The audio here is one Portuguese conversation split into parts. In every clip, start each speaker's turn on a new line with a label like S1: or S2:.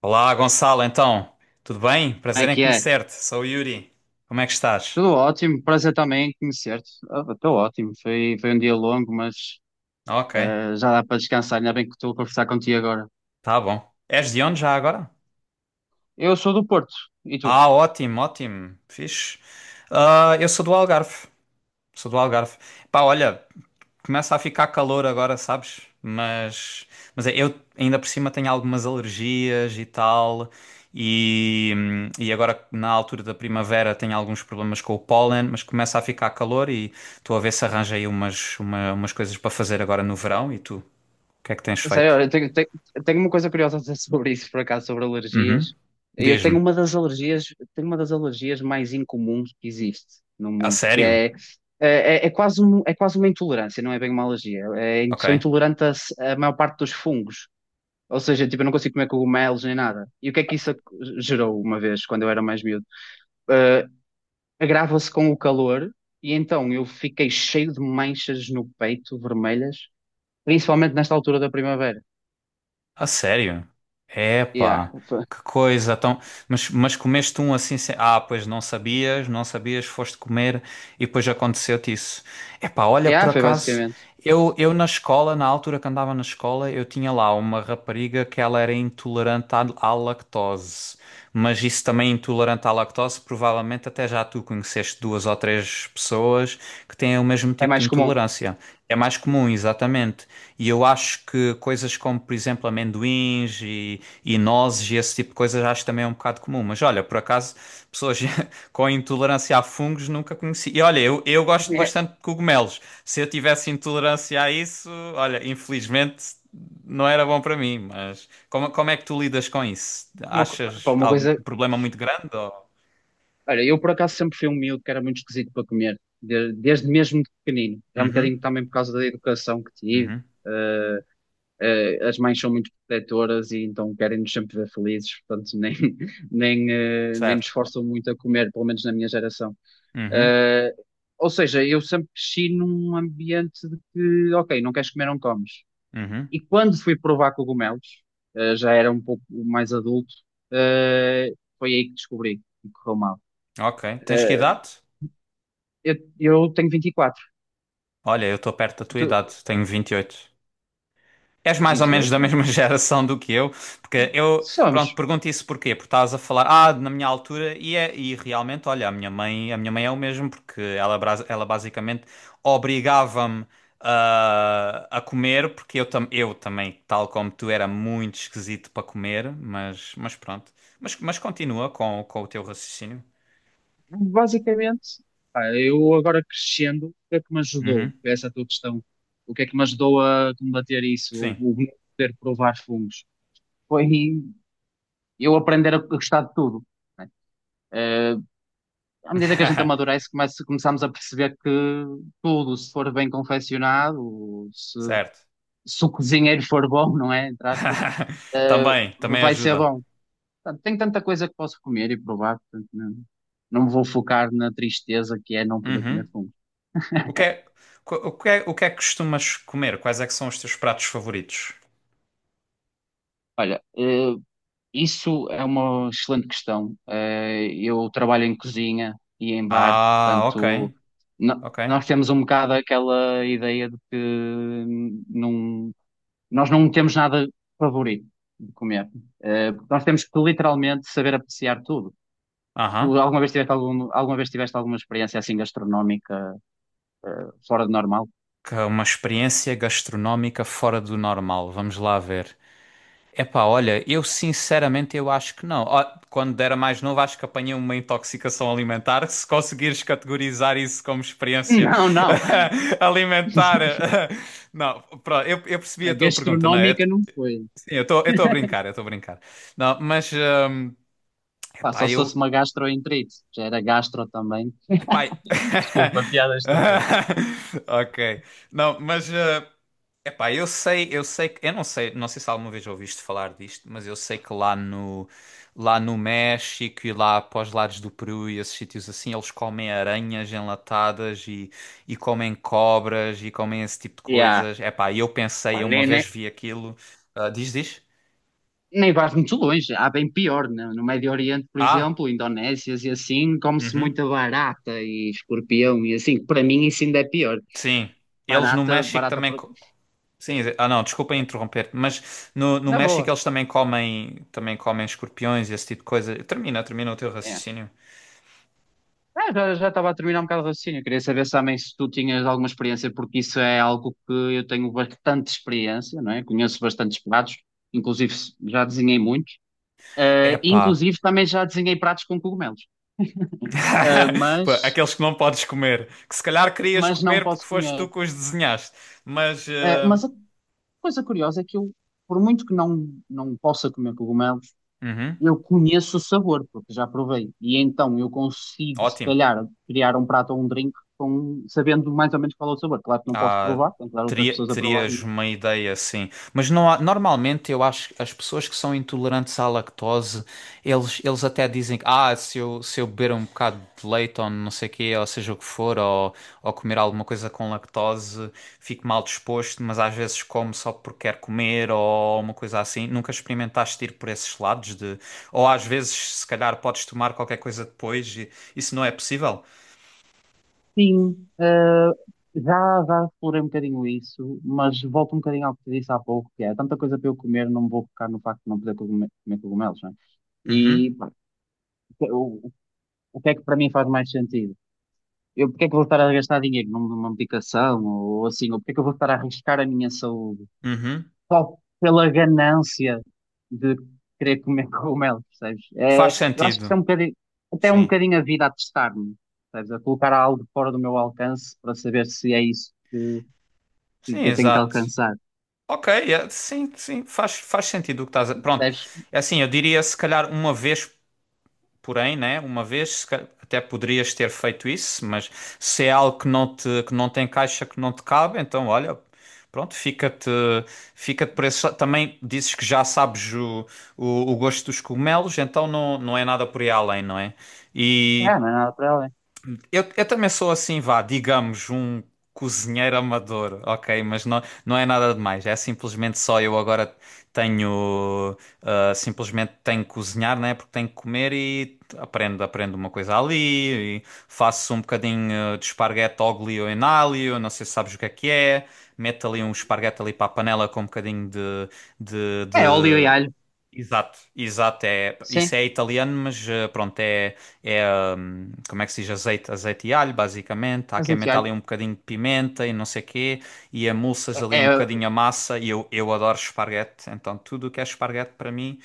S1: Olá, Gonçalo, então, tudo bem?
S2: Como
S1: Prazer
S2: é
S1: em
S2: que é?
S1: conhecer-te. Sou o Yuri. Como é que estás?
S2: Tudo ótimo, prazer também em conhecer-te. Estou ótimo, foi um dia longo, mas
S1: Ok,
S2: já dá para descansar, ainda bem que estou a conversar contigo agora.
S1: tá bom. És de onde já agora?
S2: Eu sou do Porto, e tu?
S1: Ah, ótimo, ótimo. Fixe. Ah, eu sou do Algarve. Sou do Algarve. Pá, olha, começa a ficar calor agora, sabes? Mas é, eu ainda por cima tenho algumas alergias e tal. E agora na altura da primavera tenho alguns problemas com o pólen, mas começa a ficar calor e estou a ver se arranjo aí umas coisas para fazer agora no verão. E tu, o que é que tens feito?
S2: Sério, eu tenho uma coisa curiosa a dizer sobre isso, por acaso, sobre alergias.
S1: Uhum.
S2: Eu tenho
S1: Diz-me.
S2: uma das alergias, tenho uma das alergias mais incomuns que existe no
S1: A
S2: mundo, que
S1: sério?
S2: é quase uma intolerância, não é bem uma alergia. É, sou
S1: Ok.
S2: intolerante a maior parte dos fungos. Ou seja, tipo, eu não consigo comer cogumelos nem nada. E o que é que isso gerou uma vez, quando eu era mais miúdo? Eh, Agrava-se com o calor e então eu fiquei cheio de manchas no peito, vermelhas, principalmente nesta altura da primavera.
S1: A sério?
S2: Yeah,
S1: Epá, que coisa tão. Mas comeste um assim sem... Ah, pois não sabias, não sabias, foste comer e depois aconteceu-te isso. Epá, olha, por
S2: yeah, foi
S1: acaso,
S2: basicamente.
S1: eu na escola, na altura que andava na escola, eu tinha lá uma rapariga que ela era intolerante à lactose. Mas isso também é intolerante à lactose, provavelmente até já tu conheceste duas ou três pessoas que têm o mesmo
S2: É
S1: tipo de
S2: mais comum.
S1: intolerância. É mais comum, exatamente. E eu acho que coisas como, por exemplo, amendoins e nozes e esse tipo de coisas acho que também é um bocado comum. Mas olha, por acaso, pessoas com intolerância a fungos nunca conheci. E olha, eu gosto bastante de cogumelos. Se eu tivesse intolerância a isso, olha, infelizmente não era bom para mim. Mas como, é que tu lidas com isso?
S2: É pá,
S1: Achas
S2: uma
S1: algum
S2: coisa.
S1: problema muito grande? Ou...
S2: Olha, eu por acaso sempre fui um miúdo que era muito esquisito para comer, desde mesmo de pequenino. É um
S1: Uhum,
S2: bocadinho também por causa da educação que tive.
S1: uhum,
S2: ah, As mães são muito protetoras e então querem-nos sempre ver felizes, portanto nem, nem nos
S1: certo.
S2: forçam muito a comer, pelo menos na minha geração.
S1: Uhum,
S2: Eh, ou seja, eu sempre cresci num ambiente de que, ok, não queres comer, não comes.
S1: uhum.
S2: E quando fui provar cogumelos, já era um pouco mais adulto, eh, foi aí que descobri que correu mal.
S1: Ok. Tens que
S2: Eh,
S1: idade?
S2: eu, eu tenho 24,
S1: Olha, eu estou perto da tua
S2: tu,
S1: idade, tenho 28. És mais ou
S2: vinte e
S1: menos da
S2: oito,
S1: mesma geração do que eu, porque eu, pronto,
S2: Somos.
S1: pergunto isso porquê? Porque estás a falar, ah, na minha altura, e realmente, olha, a minha mãe é o mesmo, porque ela, ela basicamente obrigava-me, a comer, porque eu também, tal como tu, era muito esquisito para comer, mas pronto. Mas continua com o teu raciocínio.
S2: Basicamente, pá, eu agora crescendo, o que é que me ajudou?
S1: Uhum.
S2: Essa é a tua questão. O que é que me ajudou a combater isso? O,
S1: Sim.
S2: o poder provar fungos? Foi eu aprender a gostar de tudo. Né? Eh, À medida que a gente amadurece, começamos a perceber que tudo, se for bem confeccionado, se,
S1: Certo.
S2: se o cozinheiro for bom, não é? Entre aspas,
S1: Também
S2: vai ser
S1: ajuda.
S2: bom. Portanto, tem tanta coisa que posso comer e provar, portanto, não, não me vou focar na tristeza que é não poder
S1: Uhum.
S2: comer fungos.
S1: O que é, o que é que costumas comer? Quais é que são os teus pratos favoritos?
S2: Olha, isso é uma excelente questão. Eu trabalho em cozinha e em bar,
S1: Ah, ok,
S2: portanto, no-
S1: ok.
S2: nós temos um bocado aquela ideia de que não, nós não temos nada favorito de comer. Porque nós temos que literalmente saber apreciar tudo. Tu
S1: Aham.
S2: alguma vez tiveste alguma experiência assim gastronómica, eh, fora de normal?
S1: Que é uma experiência gastronómica fora do normal. Vamos lá ver. Epá, olha, eu sinceramente eu acho que não. Ó, quando era mais novo, acho que apanhei uma intoxicação alimentar. Se conseguires categorizar isso como experiência
S2: Não, não.
S1: alimentar. Não, pronto, eu percebi
S2: A
S1: a tua pergunta, não é?
S2: gastronómica não foi.
S1: Sim, eu estou a brincar, eu estou a brincar. Não, mas,
S2: Pá,
S1: epá,
S2: só se fosse uma gastroenterite, já era gastro também.
S1: pai.
S2: Desculpa, piada estúpida.
S1: Ok. Não, mas, epá, eu sei que eu não sei se alguma vez ouviste falar disto, mas eu sei que lá no México e lá para os lados do Peru e esses sítios assim, eles comem aranhas enlatadas e comem cobras e comem esse tipo de
S2: Yeah.
S1: coisas. Epá, e eu pensei,
S2: Pá,
S1: eu uma
S2: nem, nem,
S1: vez vi aquilo. Ah, diz, diz?
S2: nem vais muito longe, há bem pior. No Médio Oriente, por
S1: Ah,
S2: exemplo, Indonésias e assim, come-se
S1: uhum,
S2: muita barata e escorpião e assim, que para mim isso ainda é pior.
S1: sim. Eles no
S2: Barata,
S1: México
S2: barata,
S1: também. Sim, não, desculpa interromper, mas no
S2: na
S1: México
S2: boa.
S1: eles também comem escorpiões e esse tipo de coisa. Termina, termina o teu
S2: É.
S1: raciocínio.
S2: Ah, já estava a terminar um bocado o raciocínio. Queria saber também se tu tinhas alguma experiência, porque isso é algo que eu tenho bastante experiência, não é? Conheço bastantes pratos, inclusive já desenhei muitos.
S1: Epá.
S2: Inclusive também já desenhei pratos com cogumelos. Eh,
S1: Pô,
S2: mas,
S1: aqueles que não podes comer, que se calhar querias
S2: mas não
S1: comer porque
S2: posso
S1: foste tu
S2: comer.
S1: que os desenhaste, mas,
S2: Mas a coisa curiosa é que eu, por muito que não possa comer cogumelos,
S1: uhum,
S2: eu conheço o sabor, porque já provei. E então eu consigo, se
S1: ótimo.
S2: calhar, criar um prato ou um drink com, sabendo mais ou menos qual é o sabor. Claro que não posso
S1: Ah,
S2: provar, tenho que dar outras
S1: teria,
S2: pessoas a provar.
S1: terias
S2: Mas
S1: uma ideia, sim. Mas não há- normalmente eu acho que as pessoas que são intolerantes à lactose, eles até dizem que, se eu beber um bocado de leite ou não sei o quê, ou seja o que for, ou comer alguma coisa com lactose, fico mal disposto, mas às vezes como só porque quero comer ou uma coisa assim. Nunca experimentaste ir por esses lados de... Ou às vezes, se calhar, podes tomar qualquer coisa depois e isso não é possível.
S2: sim, já explorei um bocadinho isso, mas volto um bocadinho ao que te disse há pouco, que é há tanta coisa para eu comer, não me vou focar no facto de não poder comer cogumelos, não é?
S1: Uhum,
S2: E pá, o, o que é que para mim faz mais sentido? Eu, porque é que vou estar a gastar dinheiro numa medicação ou assim? Ou porque é que eu vou estar a arriscar a minha saúde?
S1: uhum.
S2: Só pela ganância de querer comer cogumelo, percebes?
S1: Faz
S2: É, eu acho que isso
S1: sentido,
S2: é um bocadinho, até é um
S1: sim.
S2: bocadinho a vida a testar-me, percebes? A colocar algo fora do meu alcance para saber se é isso que
S1: Sim,
S2: eu tenho que
S1: exato.
S2: alcançar,
S1: Ok, sim, sim, faz sentido o que estás a... Pronto,
S2: percebes?
S1: é assim, eu diria se calhar uma vez, porém, né? Uma vez, se calhar, até poderias ter feito isso, mas se é algo que não te, que não tem caixa, que não te cabe, então olha, pronto, fica-te, fica-te por esse... Também dizes que já sabes o gosto dos cogumelos, então não, não é nada por aí além, não é?
S2: É,
S1: E
S2: não é nada para além.
S1: eu também sou assim, vá, digamos, um cozinheiro amador, ok? Mas não, não é nada demais. É simplesmente só eu agora tenho. Simplesmente tenho que cozinhar, né? Porque tenho que comer e aprendo uma coisa ali. E faço um bocadinho, de esparguete ao ou em alho, não sei se sabes o que é que é. Meto ali um esparguete ali para a panela com um bocadinho de...
S2: É óleo e alho,
S1: Exato, exato. É, isso
S2: sim,
S1: é italiano, mas, pronto, é como é que se diz? Azeite, azeite e alho, basicamente. Há quem
S2: azeite e
S1: meta ali
S2: alho.
S1: um bocadinho de pimenta e não sei quê, e amulsas ali
S2: É, é
S1: um
S2: é
S1: bocadinho a massa. E eu adoro esparguete, então tudo o que é esparguete para mim,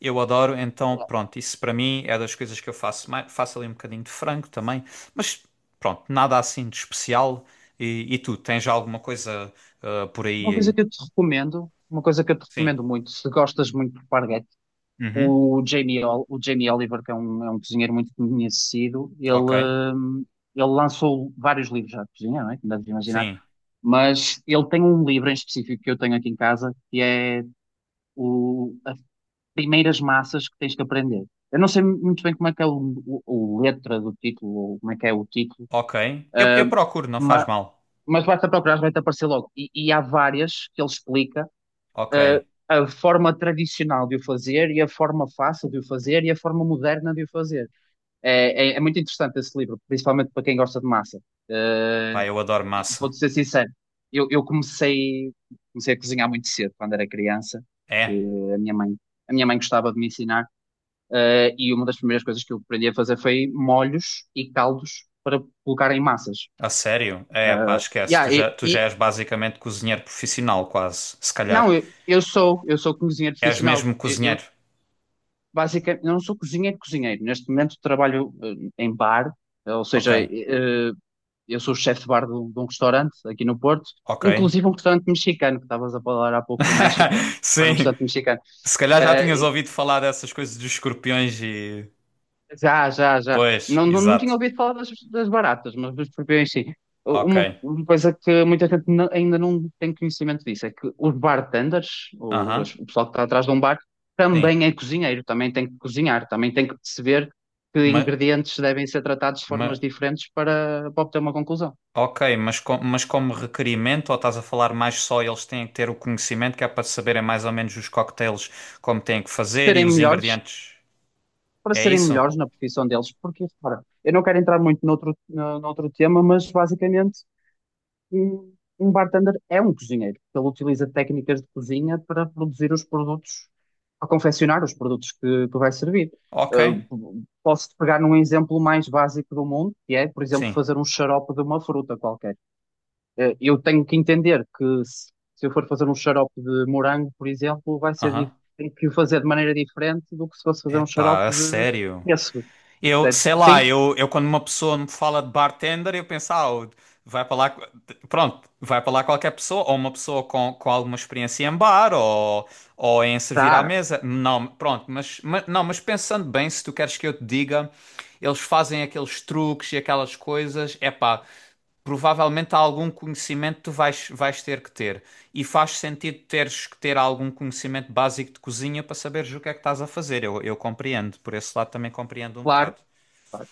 S1: eu adoro. Então pronto, isso para mim é das coisas que eu faço. Faço ali um bocadinho de frango também, mas pronto, nada assim de especial. E tu, tens já alguma coisa, por
S2: uma
S1: aí?
S2: coisa que eu te recomendo, uma coisa que eu te
S1: Sim.
S2: recomendo muito, se gostas muito de parguetes.
S1: Uhum.
S2: O Jamie Oliver, que é um, cozinheiro muito conhecido,
S1: Ok,
S2: hum, ele lançou vários livros já de cozinha, não é? Como deves imaginar.
S1: sim.
S2: Mas ele tem um livro em específico que eu tenho aqui em casa, que é as primeiras massas que tens que aprender. Eu não sei muito bem como é que é o letra do título, ou como é que é o título,
S1: Ok. Eu procuro, não faz
S2: mas,
S1: mal.
S2: mas basta procurar, vai-te aparecer logo. E há várias que ele explica,
S1: Ok.
S2: a forma tradicional de o fazer e a forma fácil de o fazer e a forma moderna de o fazer. É muito interessante esse livro, principalmente para quem gosta de massa. Eh,
S1: Pá, eu adoro massa.
S2: Vou-te ser sincero, eu comecei a cozinhar muito cedo, quando era criança, que
S1: É?
S2: a minha mãe gostava de me ensinar, e uma das primeiras coisas que eu aprendi a fazer foi molhos e caldos para colocar em massas.
S1: A sério?
S2: Eh,
S1: É, pá, esquece. Tu
S2: yeah,
S1: já, tu já és basicamente cozinheiro profissional, quase. Se calhar.
S2: não, eu sou cozinheiro
S1: És
S2: profissional.
S1: mesmo cozinheiro.
S2: Basicamente, eu não sou cozinheiro, cozinheiro. Neste momento trabalho em bar, ou
S1: Ok.
S2: seja, eu sou o chefe de bar de um restaurante aqui no Porto,
S1: Ok.
S2: inclusive um restaurante mexicano, que estavas a falar há pouco do México, para um
S1: Sim.
S2: restaurante mexicano.
S1: Se calhar já tinhas
S2: Eh, e-
S1: ouvido falar dessas coisas dos escorpiões e.
S2: Já, já, já.
S1: Pois,
S2: Não, não, não tinha
S1: exato.
S2: ouvido falar das baratas, mas dos escorpiões sim.
S1: Ok.
S2: Uma coisa que muita gente ainda não tem conhecimento disso é que os bartenders,
S1: Aham.
S2: o pessoal que está atrás de um bar,
S1: Sim.
S2: também é cozinheiro, também tem que cozinhar, também tem que perceber que
S1: Mas.
S2: ingredientes devem ser tratados de formas diferentes para obter uma conclusão.
S1: Ok, mas como requerimento, ou estás a falar mais só eles têm que ter o conhecimento que é para saberem mais ou menos os cocktails como têm que fazer e
S2: Serem
S1: os
S2: melhores,
S1: ingredientes?
S2: para
S1: É
S2: serem
S1: isso?
S2: melhores na profissão deles, porque, repara, eu não quero entrar muito noutro, noutro tema, mas basicamente um, um bartender é um cozinheiro, porque ele utiliza técnicas de cozinha para produzir os produtos, para confeccionar os produtos que vai servir.
S1: Ok,
S2: Posso pegar num exemplo mais básico do mundo, que é, por exemplo,
S1: sim.
S2: fazer um xarope de uma fruta qualquer. Eu tenho que entender que se eu for fazer um xarope de morango, por exemplo,
S1: Aham.
S2: tenho que o fazer de maneira diferente do que se fosse fazer um xarope
S1: Epá, a
S2: de
S1: sério?
S2: pêssego.
S1: Eu,
S2: Portanto,
S1: sei lá,
S2: sim,
S1: eu quando uma pessoa me fala de bartender, eu penso, vai para lá, pronto, vai para lá qualquer pessoa, ou uma pessoa com alguma experiência em bar, ou em servir à
S2: tá,
S1: mesa. Não, pronto, não, pensando bem, se tu queres que eu te diga, eles fazem aqueles truques e aquelas coisas, é pá, provavelmente há algum conhecimento que tu vais ter que ter. E faz sentido teres que ter algum conhecimento básico de cozinha para saberes o que é que estás a fazer. Eu compreendo, por esse lado também compreendo um bocado.
S2: claro. Claro.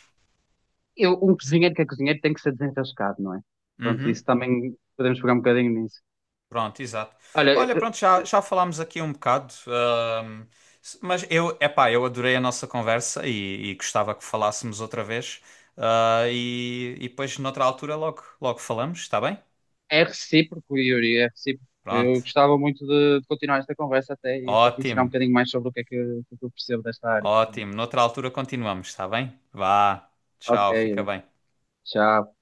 S2: Um cozinheiro que é cozinheiro tem que ser desenrascado, não é? Portanto,
S1: Uhum.
S2: isso também podemos pegar um bocadinho nisso.
S1: Pronto, exato.
S2: Olha,
S1: Olha, pronto, já falámos aqui um bocado, mas eu adorei a nossa conversa e gostava que falássemos outra vez. Ah, e depois, noutra altura, logo, logo falamos, está bem?
S2: é recíproco, Yuri, é recíproco.
S1: Pronto,
S2: Eu gostava muito de continuar esta conversa até e para te ensinar um
S1: ótimo,
S2: bocadinho mais sobre o que é que eu percebo desta área.
S1: ótimo. Noutra altura continuamos, está bem? Vá,
S2: Ok,
S1: tchau, fica
S2: Yuri.
S1: bem.
S2: Tchau.